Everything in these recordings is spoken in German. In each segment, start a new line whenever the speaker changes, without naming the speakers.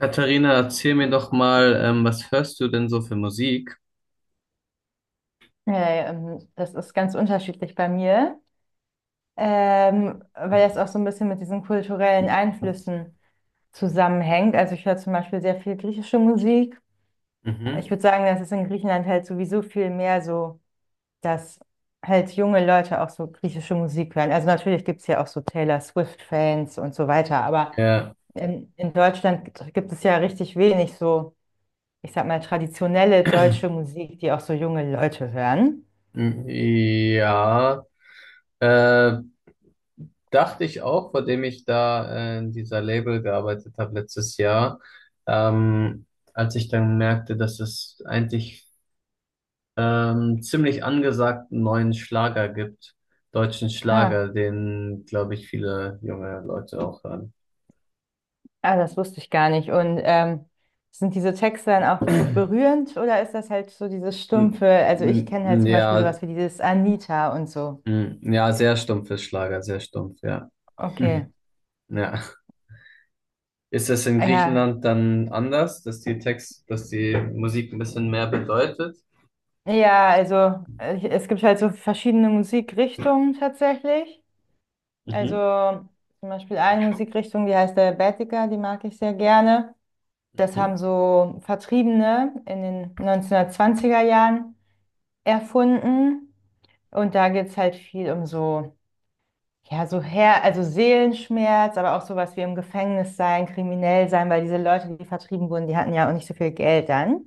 Katharina, erzähl mir doch mal, was hörst du denn so für Musik?
Ja, ja, das ist ganz unterschiedlich bei mir, weil das auch so ein bisschen mit diesen kulturellen Einflüssen zusammenhängt. Also ich höre zum Beispiel sehr viel griechische Musik. Ich
Mhm.
würde sagen, das ist in Griechenland halt sowieso viel mehr so, dass halt junge Leute auch so griechische Musik hören. Also natürlich gibt es ja auch so Taylor Swift-Fans und so weiter, aber
Ja,
in Deutschland gibt es ja richtig wenig so, ich sag mal, traditionelle deutsche Musik, die auch so junge Leute hören.
Ja, äh, dachte ich auch, vor dem ich da in dieser Label gearbeitet habe letztes Jahr, ähm, als ich dann merkte, dass es eigentlich ziemlich angesagten neuen Schlager gibt, deutschen
Ah.
Schlager, den, glaube ich, viele junge Leute auch hören.
Ah, das wusste ich gar nicht. Und sind diese Texte dann auch berührend oder ist das halt so dieses stumpfe? Also
N
ich kenne halt
n
zum
ja,
Beispiel sowas wie dieses Anita und so.
n ja, sehr stumpfes Schlager, sehr stumpf, ja.
Okay.
Ja. Ist das in
Ja.
Griechenland dann anders, dass die Text, dass die Musik ein bisschen mehr bedeutet?
Ja, also es gibt halt so verschiedene Musikrichtungen tatsächlich. Also
Mhm.
zum Beispiel eine Musikrichtung, die heißt der Baetica, die mag ich sehr gerne. Das haben
Mhm.
so Vertriebene in den 1920er Jahren erfunden. Und da geht es halt viel um so. Ja, so Her also Seelenschmerz, aber auch sowas wie im Gefängnis sein, kriminell sein, weil diese Leute, die vertrieben wurden, die hatten ja auch nicht so viel Geld dann.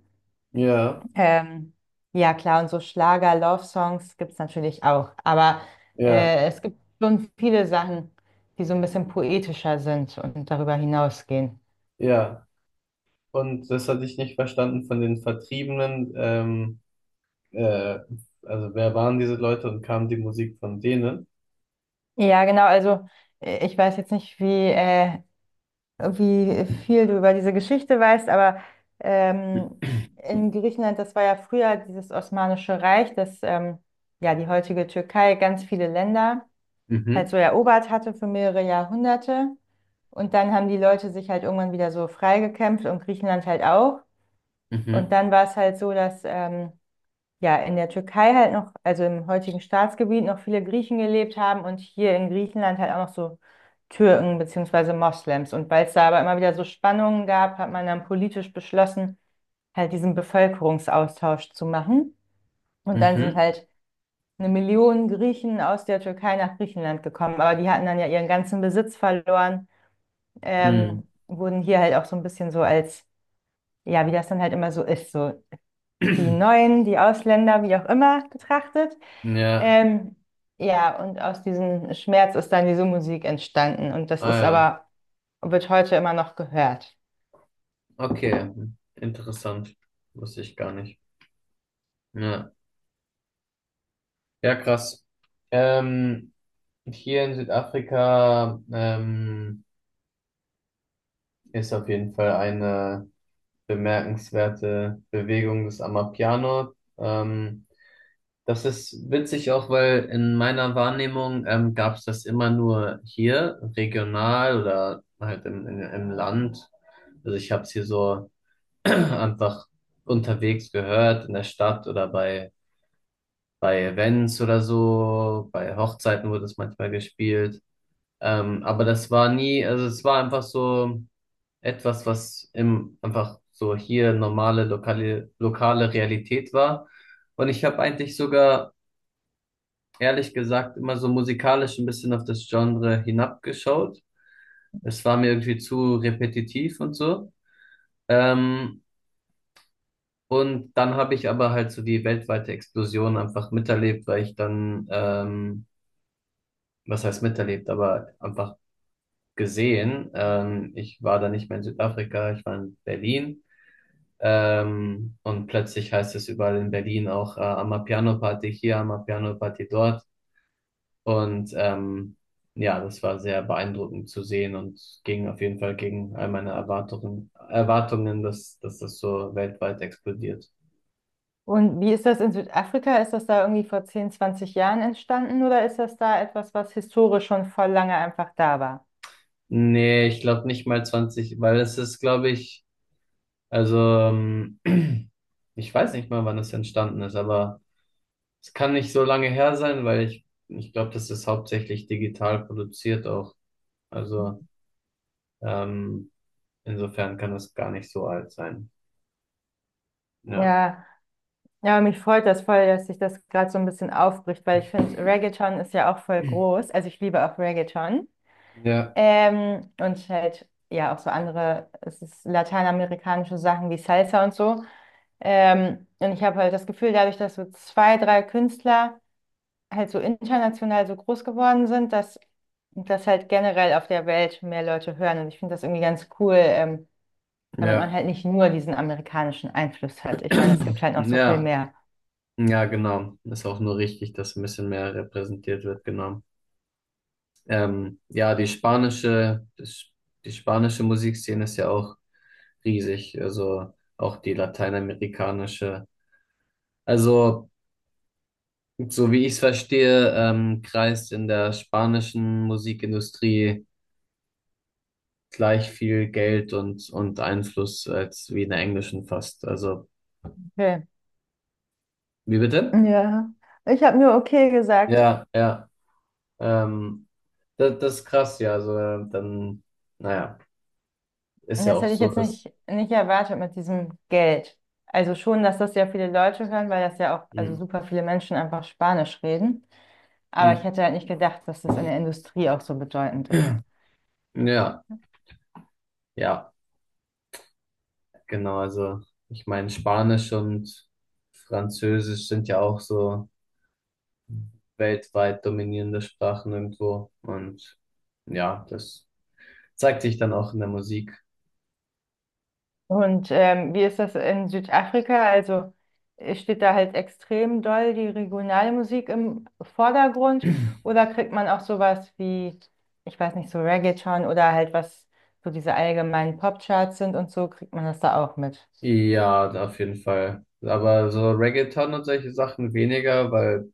Ja,
Ähm, ja, klar, und so Schlager, Love-Songs gibt es natürlich auch. Aber
ja,
es gibt schon viele Sachen, die so ein bisschen poetischer sind und darüber hinausgehen.
ja. Und das hatte ich nicht verstanden von den Vertriebenen. Äh, also wer waren diese Leute und kam die Musik von denen?
Ja, genau, also ich weiß jetzt nicht, wie wie viel du über diese Geschichte weißt, aber ähm, in Griechenland, das war ja früher dieses Osmanische Reich, das ja die heutige Türkei ganz viele Länder
Mhm.
halt so erobert hatte für mehrere Jahrhunderte. Und dann haben die Leute sich halt irgendwann wieder so freigekämpft und Griechenland halt auch. Und
Mhm.
dann war es halt so, dass ja, in der Türkei halt noch, also im heutigen Staatsgebiet noch viele Griechen gelebt haben und hier in Griechenland halt auch noch so Türken beziehungsweise Moslems. Und weil es da aber immer wieder so Spannungen gab, hat man dann politisch beschlossen, halt diesen Bevölkerungsaustausch zu machen. Und dann sind
Mhm.
halt eine Million Griechen aus der Türkei nach Griechenland gekommen, aber die hatten dann ja ihren ganzen Besitz verloren,
Mhm.
wurden hier halt auch so ein bisschen so als, ja, wie das dann halt immer so ist, so die Neuen, die Ausländer, wie auch immer betrachtet.
Ja,
Ähm, ja, und aus diesem Schmerz ist dann diese Musik entstanden und das
ah
ist
ja.
aber, wird heute immer noch gehört.
Okay. Interessant. Wusste ich gar nicht. Ja. Ja, krass. Ähm, Und hier in Südafrika ist auf jeden Fall eine bemerkenswerte Bewegung des Amapiano. Ähm, Das ist witzig auch, weil in meiner Wahrnehmung gab es das immer nur hier, regional oder halt im Land. Also ich habe es hier so einfach unterwegs gehört, in der Stadt oder bei Events oder so. Bei Hochzeiten wurde es manchmal gespielt. Aber das war nie, also es war einfach so etwas, was im, einfach so hier normale lokale, lokale Realität war. Und ich habe eigentlich sogar, ehrlich gesagt, immer so musikalisch ein bisschen auf das Genre hinabgeschaut. Es war mir irgendwie zu repetitiv und so. Ähm, und dann habe ich aber halt so die weltweite Explosion einfach miterlebt, weil ich was heißt miterlebt, aber einfach gesehen. Ich war da nicht mehr in Südafrika, ich war in Berlin. Und plötzlich heißt es überall in Berlin auch Amapiano Party hier, Amapiano Party dort. Und ja, das war sehr beeindruckend zu sehen und ging auf jeden Fall gegen all meine Erwartungen, dass das so weltweit explodiert.
Und wie ist das in Südafrika? Ist das da irgendwie vor 10 20 Jahren entstanden oder ist das da etwas, was historisch schon voll lange einfach da war?
Nee, ich glaube nicht mal 20, weil es ist, glaube ich, also ich weiß nicht mal, wann es entstanden ist, aber es kann nicht so lange her sein, weil ich glaube, das ist hauptsächlich digital produziert auch. Also ähm, insofern kann das gar nicht so alt sein. Ja.
Ja, ja, mich freut das voll, dass sich das gerade so ein bisschen aufbricht, weil ich finde, Reggaeton ist ja auch voll groß. Also ich liebe auch Reggaeton.
Ja,
Und halt, ja, auch so andere, es ist lateinamerikanische Sachen wie Salsa und so. Und ich habe halt das Gefühl, dadurch, dass so zwei, drei Künstler halt so international so groß geworden sind, dass das halt generell auf der Welt mehr Leute hören. Und ich finde das irgendwie ganz cool, damit man
ja.
halt nicht nur diesen amerikanischen Einfluss hat. Ich meine, es gibt halt noch so viel
Ja,
mehr.
ja, genau. Ist auch nur richtig, dass ein bisschen mehr repräsentiert wird, genau. Ja, die die spanische Musikszene ist ja auch riesig. Also auch die lateinamerikanische. Also so wie ich es verstehe, kreist in der spanischen Musikindustrie gleich viel Geld und Einfluss als wie in der englischen fast. Also,
Okay.
wie bitte?
Ja, ich habe nur okay gesagt.
Ja, ja. Ähm, Das, das ist krass, ja. Also, naja, ist ja
Das
auch
hätte ich
so,
jetzt
dass.
nicht erwartet mit diesem Geld. Also schon, dass das ja viele Leute hören, weil das ja auch, also
Hm,
super viele Menschen einfach Spanisch reden. Aber
hm,
ich hätte halt nicht gedacht, dass das in der Industrie auch so bedeutend ist.
ja, ja, genau. Also, ich meine, Spanisch und Französisch sind ja auch so weltweit dominierende Sprachen irgendwo. Und ja, das. Zeigt sich dann auch in der Musik.
Und wie ist das in Südafrika? Also steht da halt extrem doll die regionale Musik im Vordergrund oder kriegt man auch sowas wie, ich weiß nicht, so Reggaeton oder halt was so diese allgemeinen Popcharts sind und so, kriegt man das da auch mit?
Ja, auf jeden Fall. Aber so Reggaeton und solche Sachen weniger, weil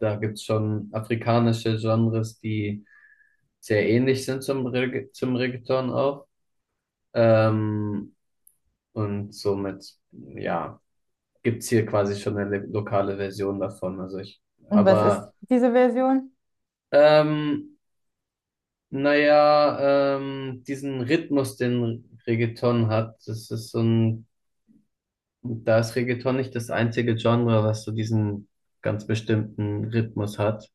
da gibt's schon afrikanische Genres, die sehr ähnlich sind zum Reggaeton auch. Ähm, und somit, ja, gibt's hier quasi schon eine lokale Version davon. Also ich,
Und was ist
aber
diese Version?
ähm, naja, diesen Rhythmus, den Reggaeton hat, das ist so ein Da ist Reggaeton nicht das einzige Genre, was so diesen ganz bestimmten Rhythmus hat.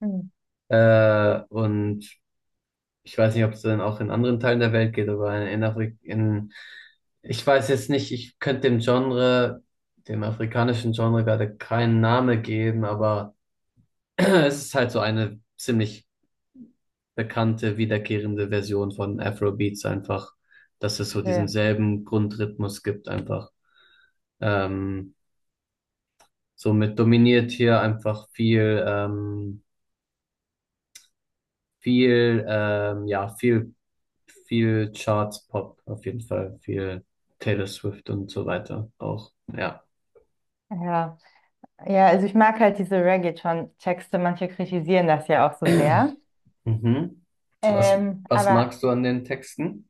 Hm,
Und ich weiß nicht, ob es dann auch in anderen Teilen der Welt geht, aber in, Afri- in ich weiß jetzt nicht, ich könnte dem Genre, dem afrikanischen Genre gerade keinen Namen geben, aber es ist halt so eine ziemlich bekannte, wiederkehrende Version von Afrobeats einfach, dass es so diesen
okay.
selben Grundrhythmus gibt einfach. Ähm, Somit dominiert hier einfach viel, ja, viel Charts Pop auf jeden Fall, viel Taylor Swift und so weiter auch, ja.
Ja. Ja, also ich mag halt diese Reggaeton-Texte, manche kritisieren das ja auch so sehr.
Mhm. Was, Was
Aber
magst du an den Texten?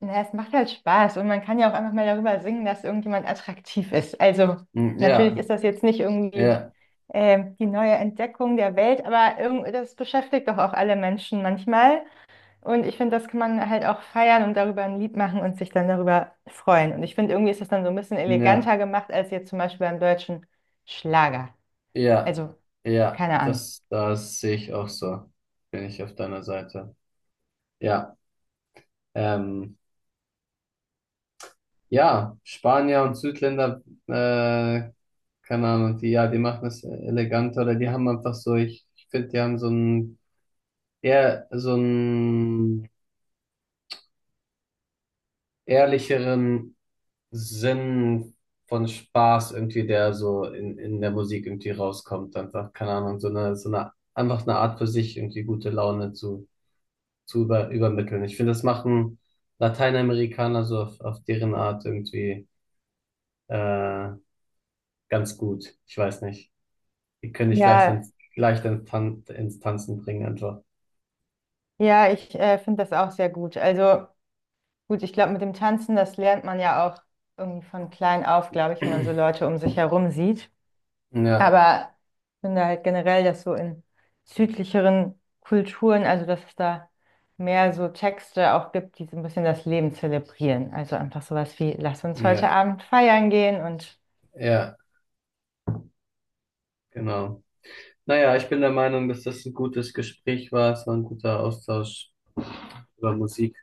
Na, es macht halt Spaß und man kann ja auch einfach mal darüber singen, dass irgendjemand attraktiv ist. Also
Hm,
natürlich
ja,
ist das jetzt nicht irgendwie
ja,
die neue Entdeckung der Welt, aber irgendwie, das beschäftigt doch auch alle Menschen manchmal. Und ich finde, das kann man halt auch feiern und darüber ein Lied machen und sich dann darüber freuen. Und ich finde, irgendwie ist das dann so ein bisschen
ja,
eleganter gemacht als jetzt zum Beispiel beim deutschen Schlager.
ja,
Also
ja,
keine Ahnung.
das sehe ich auch so. Bin ich auf deiner Seite. Ja, ähm. Ja, Spanier und Südländer, äh, keine Ahnung, die, ja, die machen das eleganter oder die haben einfach so, ich finde, die haben so einen eher, so einen ehrlicheren Sinn von Spaß irgendwie, der so in der Musik irgendwie rauskommt. Einfach, keine Ahnung, einfach eine Art für sich irgendwie gute Laune zu übermitteln. Ich finde, das machen Lateinamerikaner so auf deren Art irgendwie, äh, ganz gut. Ich weiß nicht. Die können dich
Ja,
leicht ins, Tan ins Tanzen bringen, einfach.
ja, ich finde das auch sehr gut. Also gut, ich glaube, mit dem Tanzen, das lernt man ja auch irgendwie von klein auf, glaube ich, wenn man so Leute um sich herum sieht.
Ja,
Aber ich finde halt generell, dass so in südlicheren Kulturen, also dass es da mehr so Texte auch gibt, die so ein bisschen das Leben zelebrieren. Also einfach sowas wie, lass uns heute
ja,
Abend feiern gehen und
ja, genau. Naja, ich bin der Meinung, dass das ein gutes Gespräch war. Es war ein guter Austausch über Musik.